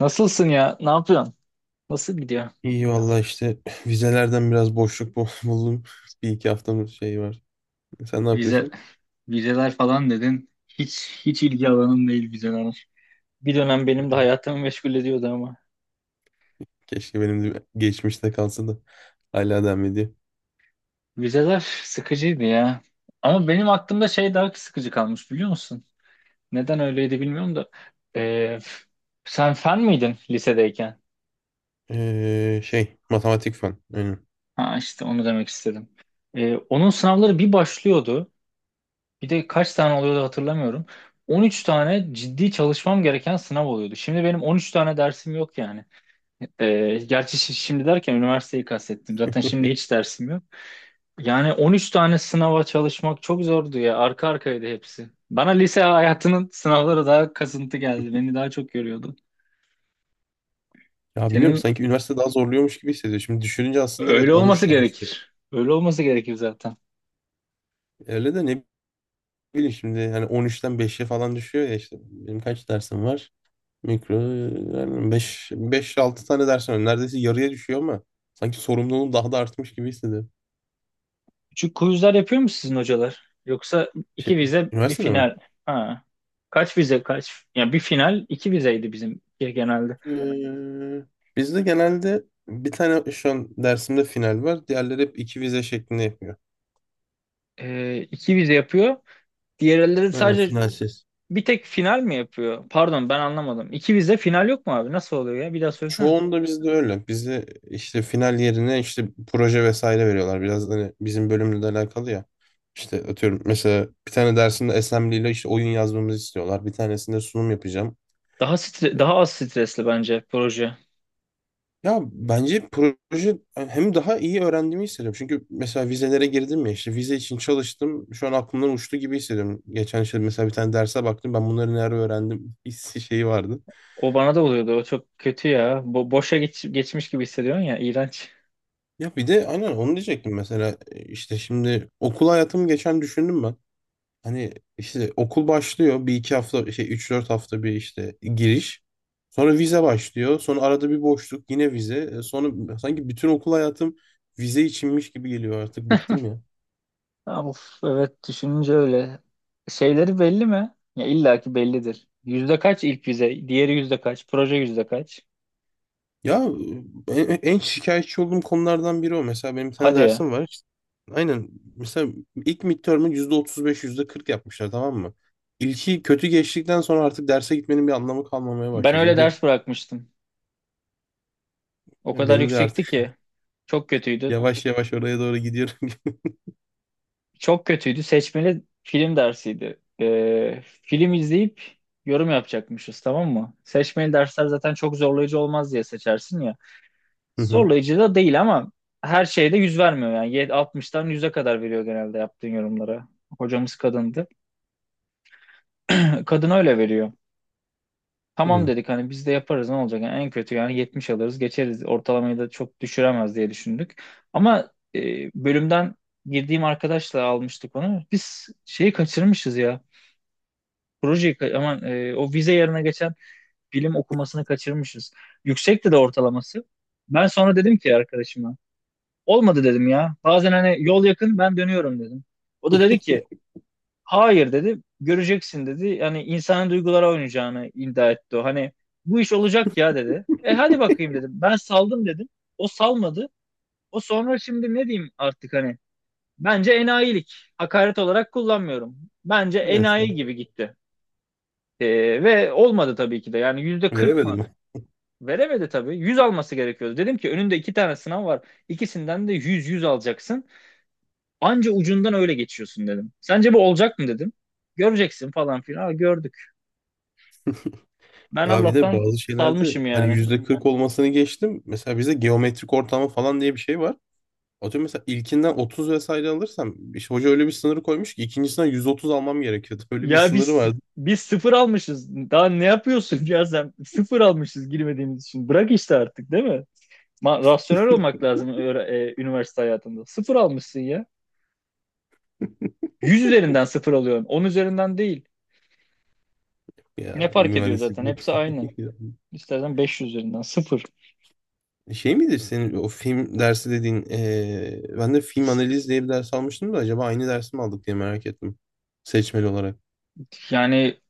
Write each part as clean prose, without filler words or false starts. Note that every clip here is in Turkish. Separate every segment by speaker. Speaker 1: Nasılsın ya? Ne yapıyorsun? Nasıl gidiyor?
Speaker 2: İyi valla işte vizelerden biraz boşluk buldum. Bir iki haftamız şey var. Sen ne
Speaker 1: Vize,
Speaker 2: yapıyorsun?
Speaker 1: vizeler falan dedin. Hiç ilgi alanım değil vizeler. Bir dönem benim de hayatımı meşgul ediyordu ama.
Speaker 2: Keşke benim de geçmişte kalsa da hala devam ediyor.
Speaker 1: Vizeler sıkıcıydı ya. Ama benim aklımda şey daha sıkıcı kalmış biliyor musun? Neden öyleydi bilmiyorum da. Ee, sen fen miydin lisedeyken?
Speaker 2: Şey matematik falan. Aynen.
Speaker 1: Ha, işte onu demek istedim. Onun sınavları bir başlıyordu. Bir de kaç tane oluyordu hatırlamıyorum. 13 tane ciddi çalışmam gereken sınav oluyordu. Şimdi benim 13 tane dersim yok yani. Gerçi şimdi derken üniversiteyi kastettim. Zaten şimdi hiç dersim yok. Yani 13 tane sınava çalışmak çok zordu ya. Arka arkaydı hepsi. Bana lise hayatının sınavları daha kasıntı geldi. Beni daha çok yoruyordu.
Speaker 2: Ya bilmiyorum,
Speaker 1: Senin
Speaker 2: sanki üniversite daha zorluyormuş gibi hissediyor. Şimdi düşününce aslında evet
Speaker 1: öyle
Speaker 2: 13
Speaker 1: olması
Speaker 2: tane işte.
Speaker 1: gerekir. Öyle olması gerekir zaten.
Speaker 2: Öyle de ne bileyim, şimdi hani 13'ten 5'e falan düşüyor ya işte. Benim kaç dersim var? Mikro, yani 5 5-6 tane dersim var. Neredeyse yarıya düşüyor ama sanki sorumluluğum daha da artmış gibi hissediyorum.
Speaker 1: Küçük quizler yapıyor mu sizin hocalar? Yoksa iki
Speaker 2: Şey,
Speaker 1: vize bir
Speaker 2: üniversitede mi?
Speaker 1: final. Ha. Kaç vize kaç? Ya bir final iki vizeydi bizim genelde.
Speaker 2: Ee, Bizde genelde bir tane şu an dersimde final var. Diğerleri hep iki vize şeklinde yapıyor.
Speaker 1: İki vize yapıyor. Diğerleri
Speaker 2: Aynen,
Speaker 1: sadece
Speaker 2: finalsiz.
Speaker 1: bir tek final mi yapıyor? Pardon ben anlamadım. İki vize final yok mu abi? Nasıl oluyor ya? Bir daha söylesene.
Speaker 2: Çoğunda bizde öyle. Bizde işte final yerine işte proje vesaire veriyorlar. Biraz hani bizim bölümle de alakalı ya. İşte atıyorum mesela bir tane dersinde assembly ile işte oyun yazmamızı istiyorlar. Bir tanesinde sunum yapacağım.
Speaker 1: Daha az stresli bence proje.
Speaker 2: Ya bence proje hem daha iyi öğrendiğimi hissediyorum. Çünkü mesela vizelere girdim ya, işte vize için çalıştım. Şu an aklımdan uçtu gibi hissediyorum. Geçen işte mesela bir tane derse baktım, ben bunları nerede öğrendim hissi şeyi vardı.
Speaker 1: O bana da oluyordu. O çok kötü ya. Boşa geçmiş gibi hissediyorsun ya. İğrenç.
Speaker 2: Ya bir de aynen onu diyecektim mesela işte şimdi okul hayatımı geçen düşündüm ben. Hani işte okul başlıyor, bir iki hafta şey üç dört hafta bir işte giriş. Sonra vize başlıyor. Sonra arada bir boşluk, yine vize. E, sonra sanki bütün okul hayatım vize içinmiş gibi geliyor, artık bıktım ya.
Speaker 1: Ya of, evet, düşününce öyle. Şeyleri belli mi? Ya illa ki bellidir. Yüzde kaç ilk vize? Diğeri yüzde kaç? Proje yüzde kaç?
Speaker 2: Ya en, en şikayetçi olduğum konulardan biri o. Mesela benim bir tane
Speaker 1: Hadi ya.
Speaker 2: dersim var. İşte, aynen. Mesela ilk midterm'ı %35, %40 yapmışlar, tamam mı? İlki kötü geçtikten sonra artık derse gitmenin bir anlamı kalmamaya
Speaker 1: Ben
Speaker 2: başlıyor.
Speaker 1: öyle
Speaker 2: Çünkü
Speaker 1: ders bırakmıştım. O kadar
Speaker 2: benim de
Speaker 1: yüksekti
Speaker 2: artık
Speaker 1: ki. Çok kötüydü.
Speaker 2: yavaş yavaş oraya doğru gidiyorum.
Speaker 1: Çok kötüydü. Seçmeli film dersiydi. Film izleyip yorum yapacakmışız, tamam mı? Seçmeli dersler zaten çok zorlayıcı olmaz diye seçersin ya.
Speaker 2: Hı hı.
Speaker 1: Zorlayıcı da değil ama her şeyde yüz vermiyor yani. 60'tan 100'e kadar veriyor genelde yaptığın yorumlara. Hocamız kadındı. Kadın öyle veriyor. Tamam
Speaker 2: Hı.
Speaker 1: dedik hani, biz de yaparız ne olacak? Yani en kötü yani 70 alırız geçeriz. Ortalamayı da çok düşüremez diye düşündük. Ama bölümden girdiğim arkadaşla almıştık onu. Biz şeyi kaçırmışız ya. Projeyi, aman o vize yerine geçen bilim okumasını kaçırmışız. Yüksekti de ortalaması. Ben sonra dedim ki arkadaşıma, olmadı dedim ya. Bazen hani yol yakın, ben dönüyorum dedim. O da dedi ki hayır dedi, göreceksin dedi. Yani insanın duygulara oynayacağını iddia etti o. Hani bu iş olacak ya dedi. E hadi bakayım dedim. Ben saldım dedim. O salmadı. O sonra şimdi ne diyeyim artık hani. Bence enayilik. Hakaret olarak kullanmıyorum. Bence
Speaker 2: Neyse.
Speaker 1: enayi gibi gitti. Ve olmadı tabii ki de. Yani %40 mı?
Speaker 2: Veremedim.
Speaker 1: Veremedi tabii. 100 alması gerekiyordu. Dedim ki önünde iki tane sınav var. İkisinden de yüz yüz alacaksın. Anca ucundan öyle geçiyorsun dedim. Sence bu olacak mı dedim. Göreceksin falan filan. Ha, gördük. Ben
Speaker 2: Ya bir de
Speaker 1: Allah'tan
Speaker 2: bazı şeylerde
Speaker 1: salmışım
Speaker 2: hani
Speaker 1: yani.
Speaker 2: %40 olmasını geçtim. Mesela bizde geometrik ortamı falan diye bir şey var. Atıyorum mesela ilkinden 30 vesaire alırsam işte hoca öyle bir sınırı koymuş ki ikincisinden 130 almam gerekiyordu. Öyle bir
Speaker 1: Ya
Speaker 2: sınırı
Speaker 1: biz
Speaker 2: vardı
Speaker 1: biz sıfır almışız. Daha ne yapıyorsun ya sen? Sıfır almışız girmediğimiz için. Bırak işte artık, değil mi? Rasyonel olmak lazım üniversite hayatında. Sıfır almışsın ya. 100 üzerinden sıfır alıyorsun, 10 üzerinden değil. Ne
Speaker 2: ya,
Speaker 1: fark ediyor
Speaker 2: mühendislik.
Speaker 1: zaten? Hepsi aynı. İstersen 500 üzerinden sıfır.
Speaker 2: Şey midir senin o film dersi dediğin ben de film analiz diye bir ders almıştım da acaba aynı dersi mi aldık diye merak ettim. Seçmeli olarak.
Speaker 1: Yani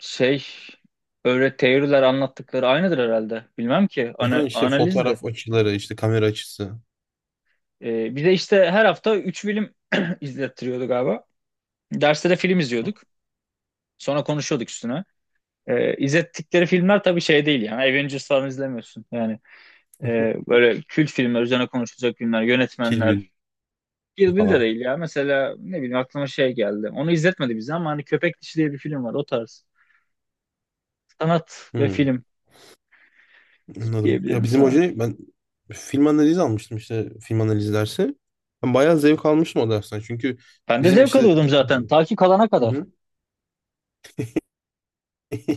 Speaker 1: şey, öyle teoriler anlattıkları aynıdır herhalde. Bilmem ki
Speaker 2: Aha, işte
Speaker 1: analizdi.
Speaker 2: fotoğraf açıları, işte kamera açısı.
Speaker 1: Bir de işte her hafta 3 film izlettiriyordu galiba. Derste de film izliyorduk. Sonra konuşuyorduk üstüne. İzlettikleri filmler tabii şey değil yani. Avengers falan izlemiyorsun. Yani böyle kült filmler, üzerine konuşulacak filmler,
Speaker 2: Kill
Speaker 1: yönetmenler.
Speaker 2: Bill
Speaker 1: Kill Bill de
Speaker 2: falan.
Speaker 1: değil ya. Mesela ne bileyim, aklıma şey geldi. Onu izletmedi bize ama hani Köpek Dişi diye bir film var, o tarz. Sanat ve
Speaker 2: Hmm.
Speaker 1: film
Speaker 2: Anladım. Ya
Speaker 1: diyebilirim
Speaker 2: bizim
Speaker 1: sana.
Speaker 2: hocayı ben film analizi almıştım, işte film analizi dersi. Ben bayağı zevk almıştım o dersten. Çünkü
Speaker 1: Ben de
Speaker 2: bizim
Speaker 1: zevk
Speaker 2: işte
Speaker 1: alıyordum zaten. Ta ki kalana
Speaker 2: Hı
Speaker 1: kadar.
Speaker 2: hı.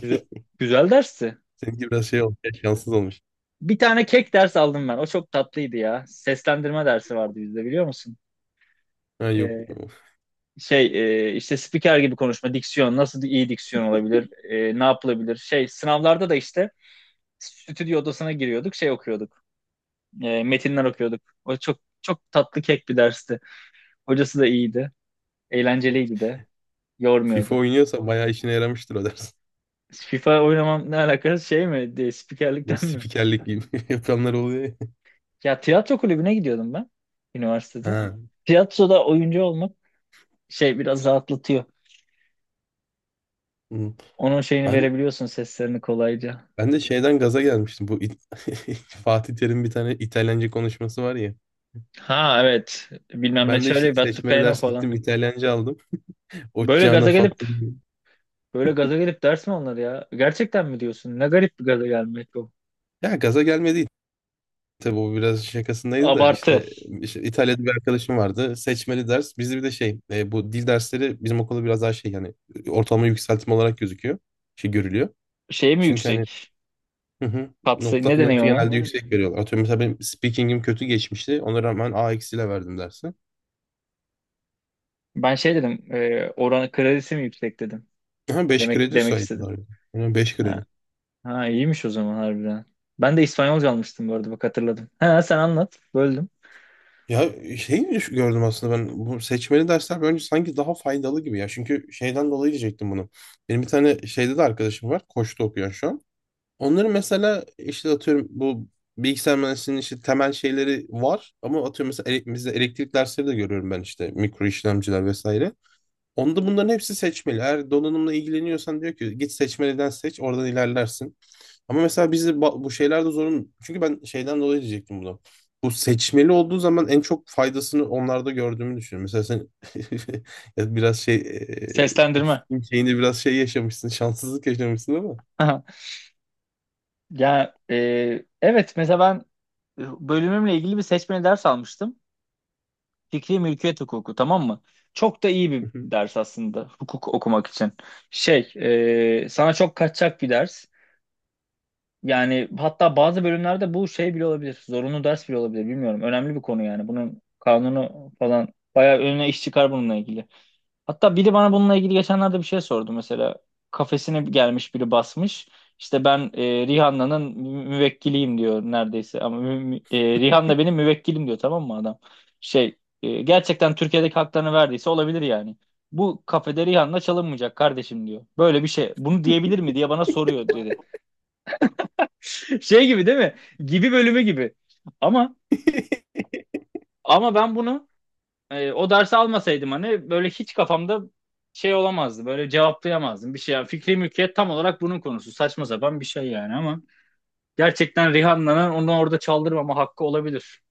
Speaker 1: Güzel, güzel dersti.
Speaker 2: seninki biraz şey olmuş, şanssız olmuş.
Speaker 1: Bir tane kek ders aldım ben. O çok tatlıydı ya. Seslendirme dersi vardı bizde, biliyor musun?
Speaker 2: Ha yok.
Speaker 1: Ee, şey, işte spiker gibi konuşma, diksiyon. Nasıl iyi diksiyon olabilir? Ne yapılabilir? Şey, sınavlarda da işte stüdyo odasına giriyorduk. Şey okuyorduk. Metinler okuyorduk. O çok çok tatlı, kek bir dersti. Hocası da iyiydi. Eğlenceliydi de.
Speaker 2: FIFA
Speaker 1: Yormuyordu.
Speaker 2: oynuyorsa bayağı işine yaramıştır o ders.
Speaker 1: FIFA oynamam ne alakası, şey mi? De,
Speaker 2: Bu
Speaker 1: spikerlikten mi?
Speaker 2: spikerlik gibi yapanlar oluyor ya.
Speaker 1: Ya tiyatro kulübüne gidiyordum ben üniversitede.
Speaker 2: Ha.
Speaker 1: Tiyatroda oyuncu olmak şey, biraz rahatlatıyor.
Speaker 2: Hı.
Speaker 1: Onun şeyini
Speaker 2: Ben
Speaker 1: verebiliyorsun, seslerini kolayca.
Speaker 2: ben de şeyden gaza gelmiştim. Bu Fatih Terim bir tane İtalyanca konuşması var ya.
Speaker 1: Ha evet. Bilmem ne
Speaker 2: Ben de işte
Speaker 1: çalıyor, battı.
Speaker 2: seçmeli
Speaker 1: Peno
Speaker 2: ders
Speaker 1: falan.
Speaker 2: gittim, İtalyanca aldım. O
Speaker 1: Böyle
Speaker 2: Cana
Speaker 1: gaza gelip
Speaker 2: Fatma.
Speaker 1: böyle gaza gelip ders mi onlar ya? Gerçekten mi diyorsun? Ne garip bir gaza gelmek o.
Speaker 2: Ya gaza gelmedi, tabii o biraz şakasındaydı da
Speaker 1: Abartı.
Speaker 2: işte, işte İtalya'da bir arkadaşım vardı. Seçmeli ders. Bizde bir de şey bu dil dersleri bizim okulda biraz daha şey, yani ortalama yükseltme olarak gözüküyor. Şey görülüyor.
Speaker 1: Şey mi
Speaker 2: Çünkü hani
Speaker 1: yüksek?
Speaker 2: hı hı,
Speaker 1: Kapsayı ne
Speaker 2: notu
Speaker 1: deniyor ona?
Speaker 2: genelde yüksek veriyorlar. Atıyorum mesela benim speaking'im kötü geçmişti. Ona rağmen A eksiyle verdim dersi.
Speaker 1: Ben şey dedim. Oranı kredisi mi yüksek dedim.
Speaker 2: Aha 5
Speaker 1: Demek
Speaker 2: kredi
Speaker 1: demek istedim.
Speaker 2: saydılar. Yani 5 kredi.
Speaker 1: Ha, iyiymiş o zaman harbiden. Ben de İspanyolca almıştım bu arada, bak hatırladım. Ha sen anlat, böldüm.
Speaker 2: Ya şey gördüm aslında ben, bu seçmeli dersler bence sanki daha faydalı gibi ya. Çünkü şeyden dolayı diyecektim bunu. Benim bir tane şeyde de arkadaşım var. Koç'ta okuyor şu an. Onların mesela işte atıyorum bu bilgisayar mühendisliğinin işte temel şeyleri var, ama atıyorum mesela bizde elektrik dersleri de görüyorum ben, işte mikro işlemciler vesaire. Onda bunların hepsi seçmeli. Eğer donanımla ilgileniyorsan diyor ki git seçmeliden seç, oradan ilerlersin. Ama mesela bizi bu şeylerde zorun, çünkü ben şeyden dolayı diyecektim bunu. Bu seçmeli olduğu zaman en çok faydasını onlarda gördüğümü düşünüyorum. Mesela sen ya biraz şey
Speaker 1: Seslendirme.
Speaker 2: şeyinde biraz şey yaşamışsın, şanssızlık yaşamışsın ama.
Speaker 1: Ya evet, mesela ben bölümümle ilgili bir seçmeli ders almıştım. Fikri mülkiyet hukuku, tamam mı? Çok da iyi bir ders aslında hukuk okumak için. Şey, sana çok kaçacak bir ders. Yani hatta bazı bölümlerde bu şey bile olabilir. Zorunlu ders bile olabilir bilmiyorum. Önemli bir konu yani. Bunun kanunu falan, bayağı önüne iş çıkar bununla ilgili. Hatta biri bana bununla ilgili geçenlerde bir şey sordu mesela. Kafesine gelmiş biri basmış. İşte ben Rihanna'nın müvekkiliyim diyor neredeyse. Ama Rihanna benim müvekkilim diyor, tamam mı adam? Şey, gerçekten Türkiye'deki haklarını verdiyse olabilir yani. Bu kafede Rihanna çalınmayacak kardeşim diyor. Böyle bir şey. Bunu diyebilir mi diye bana soruyor dedi. Şey gibi değil mi? Gibi bölümü gibi. Ama ama ben bunu, o dersi almasaydım hani böyle hiç kafamda şey olamazdı. Böyle cevaplayamazdım bir şey. Yani fikri mülkiyet tam olarak bunun konusu. Saçma sapan bir şey yani ama gerçekten Rihanna'nın onu orada çaldırmama hakkı olabilir.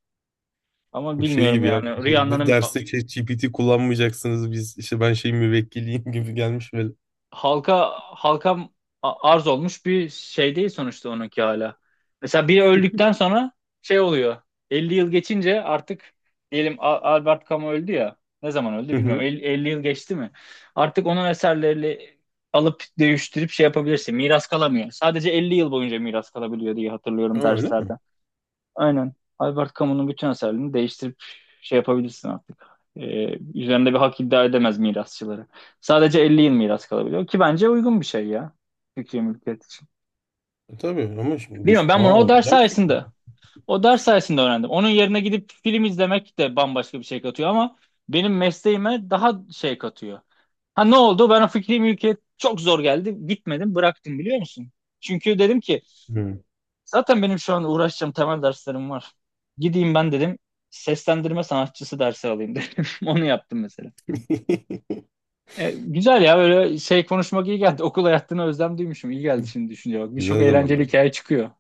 Speaker 1: Ama
Speaker 2: Bu şey
Speaker 1: bilmiyorum
Speaker 2: gibi ya.
Speaker 1: yani.
Speaker 2: İşte bu
Speaker 1: Rihanna'nın
Speaker 2: derste ChatGPT kullanmayacaksınız. Biz işte ben şey müvekkiliyim gibi gelmiş böyle.
Speaker 1: halka arz olmuş bir şey değil sonuçta, onunki hala. Mesela biri öldükten sonra şey oluyor. 50 yıl geçince artık, diyelim Albert Camus öldü ya. Ne zaman öldü
Speaker 2: Hı hı.
Speaker 1: bilmiyorum. 50, 50 yıl geçti mi? Artık onun eserlerini alıp değiştirip şey yapabilirsin. Miras kalamıyor. Sadece 50 yıl boyunca miras kalabiliyor diye hatırlıyorum
Speaker 2: Aa, öyle
Speaker 1: derslerde.
Speaker 2: mi?
Speaker 1: Aynen. Albert Camus'un bütün eserlerini değiştirip şey yapabilirsin artık. Üzerinde bir hak iddia edemez mirasçıları. Sadece 50 yıl miras kalabiliyor ki bence uygun bir şey ya. Türkiye mülkiyet için.
Speaker 2: E, tabii ama şimdi düş.
Speaker 1: Bilmiyorum, ben bunu
Speaker 2: Aa,
Speaker 1: o ders
Speaker 2: güzel bir fikir.
Speaker 1: sayesinde o ders sayesinde öğrendim. Onun yerine gidip film izlemek de bambaşka bir şey katıyor ama benim mesleğime daha şey katıyor. Ha, ne oldu? Ben o fikri mülkiyet çok zor geldi. Gitmedim, bıraktım biliyor musun? Çünkü dedim ki
Speaker 2: Hı.
Speaker 1: zaten benim şu an uğraşacağım temel derslerim var. Gideyim ben dedim, seslendirme sanatçısı dersi alayım dedim. Onu yaptım mesela. Güzel ya, böyle şey konuşmak iyi geldi. Okul hayatına özlem duymuşum. İyi geldi şimdi düşünce bak. Birçok
Speaker 2: Güzel
Speaker 1: eğlenceli
Speaker 2: zamanlar.
Speaker 1: hikaye çıkıyor.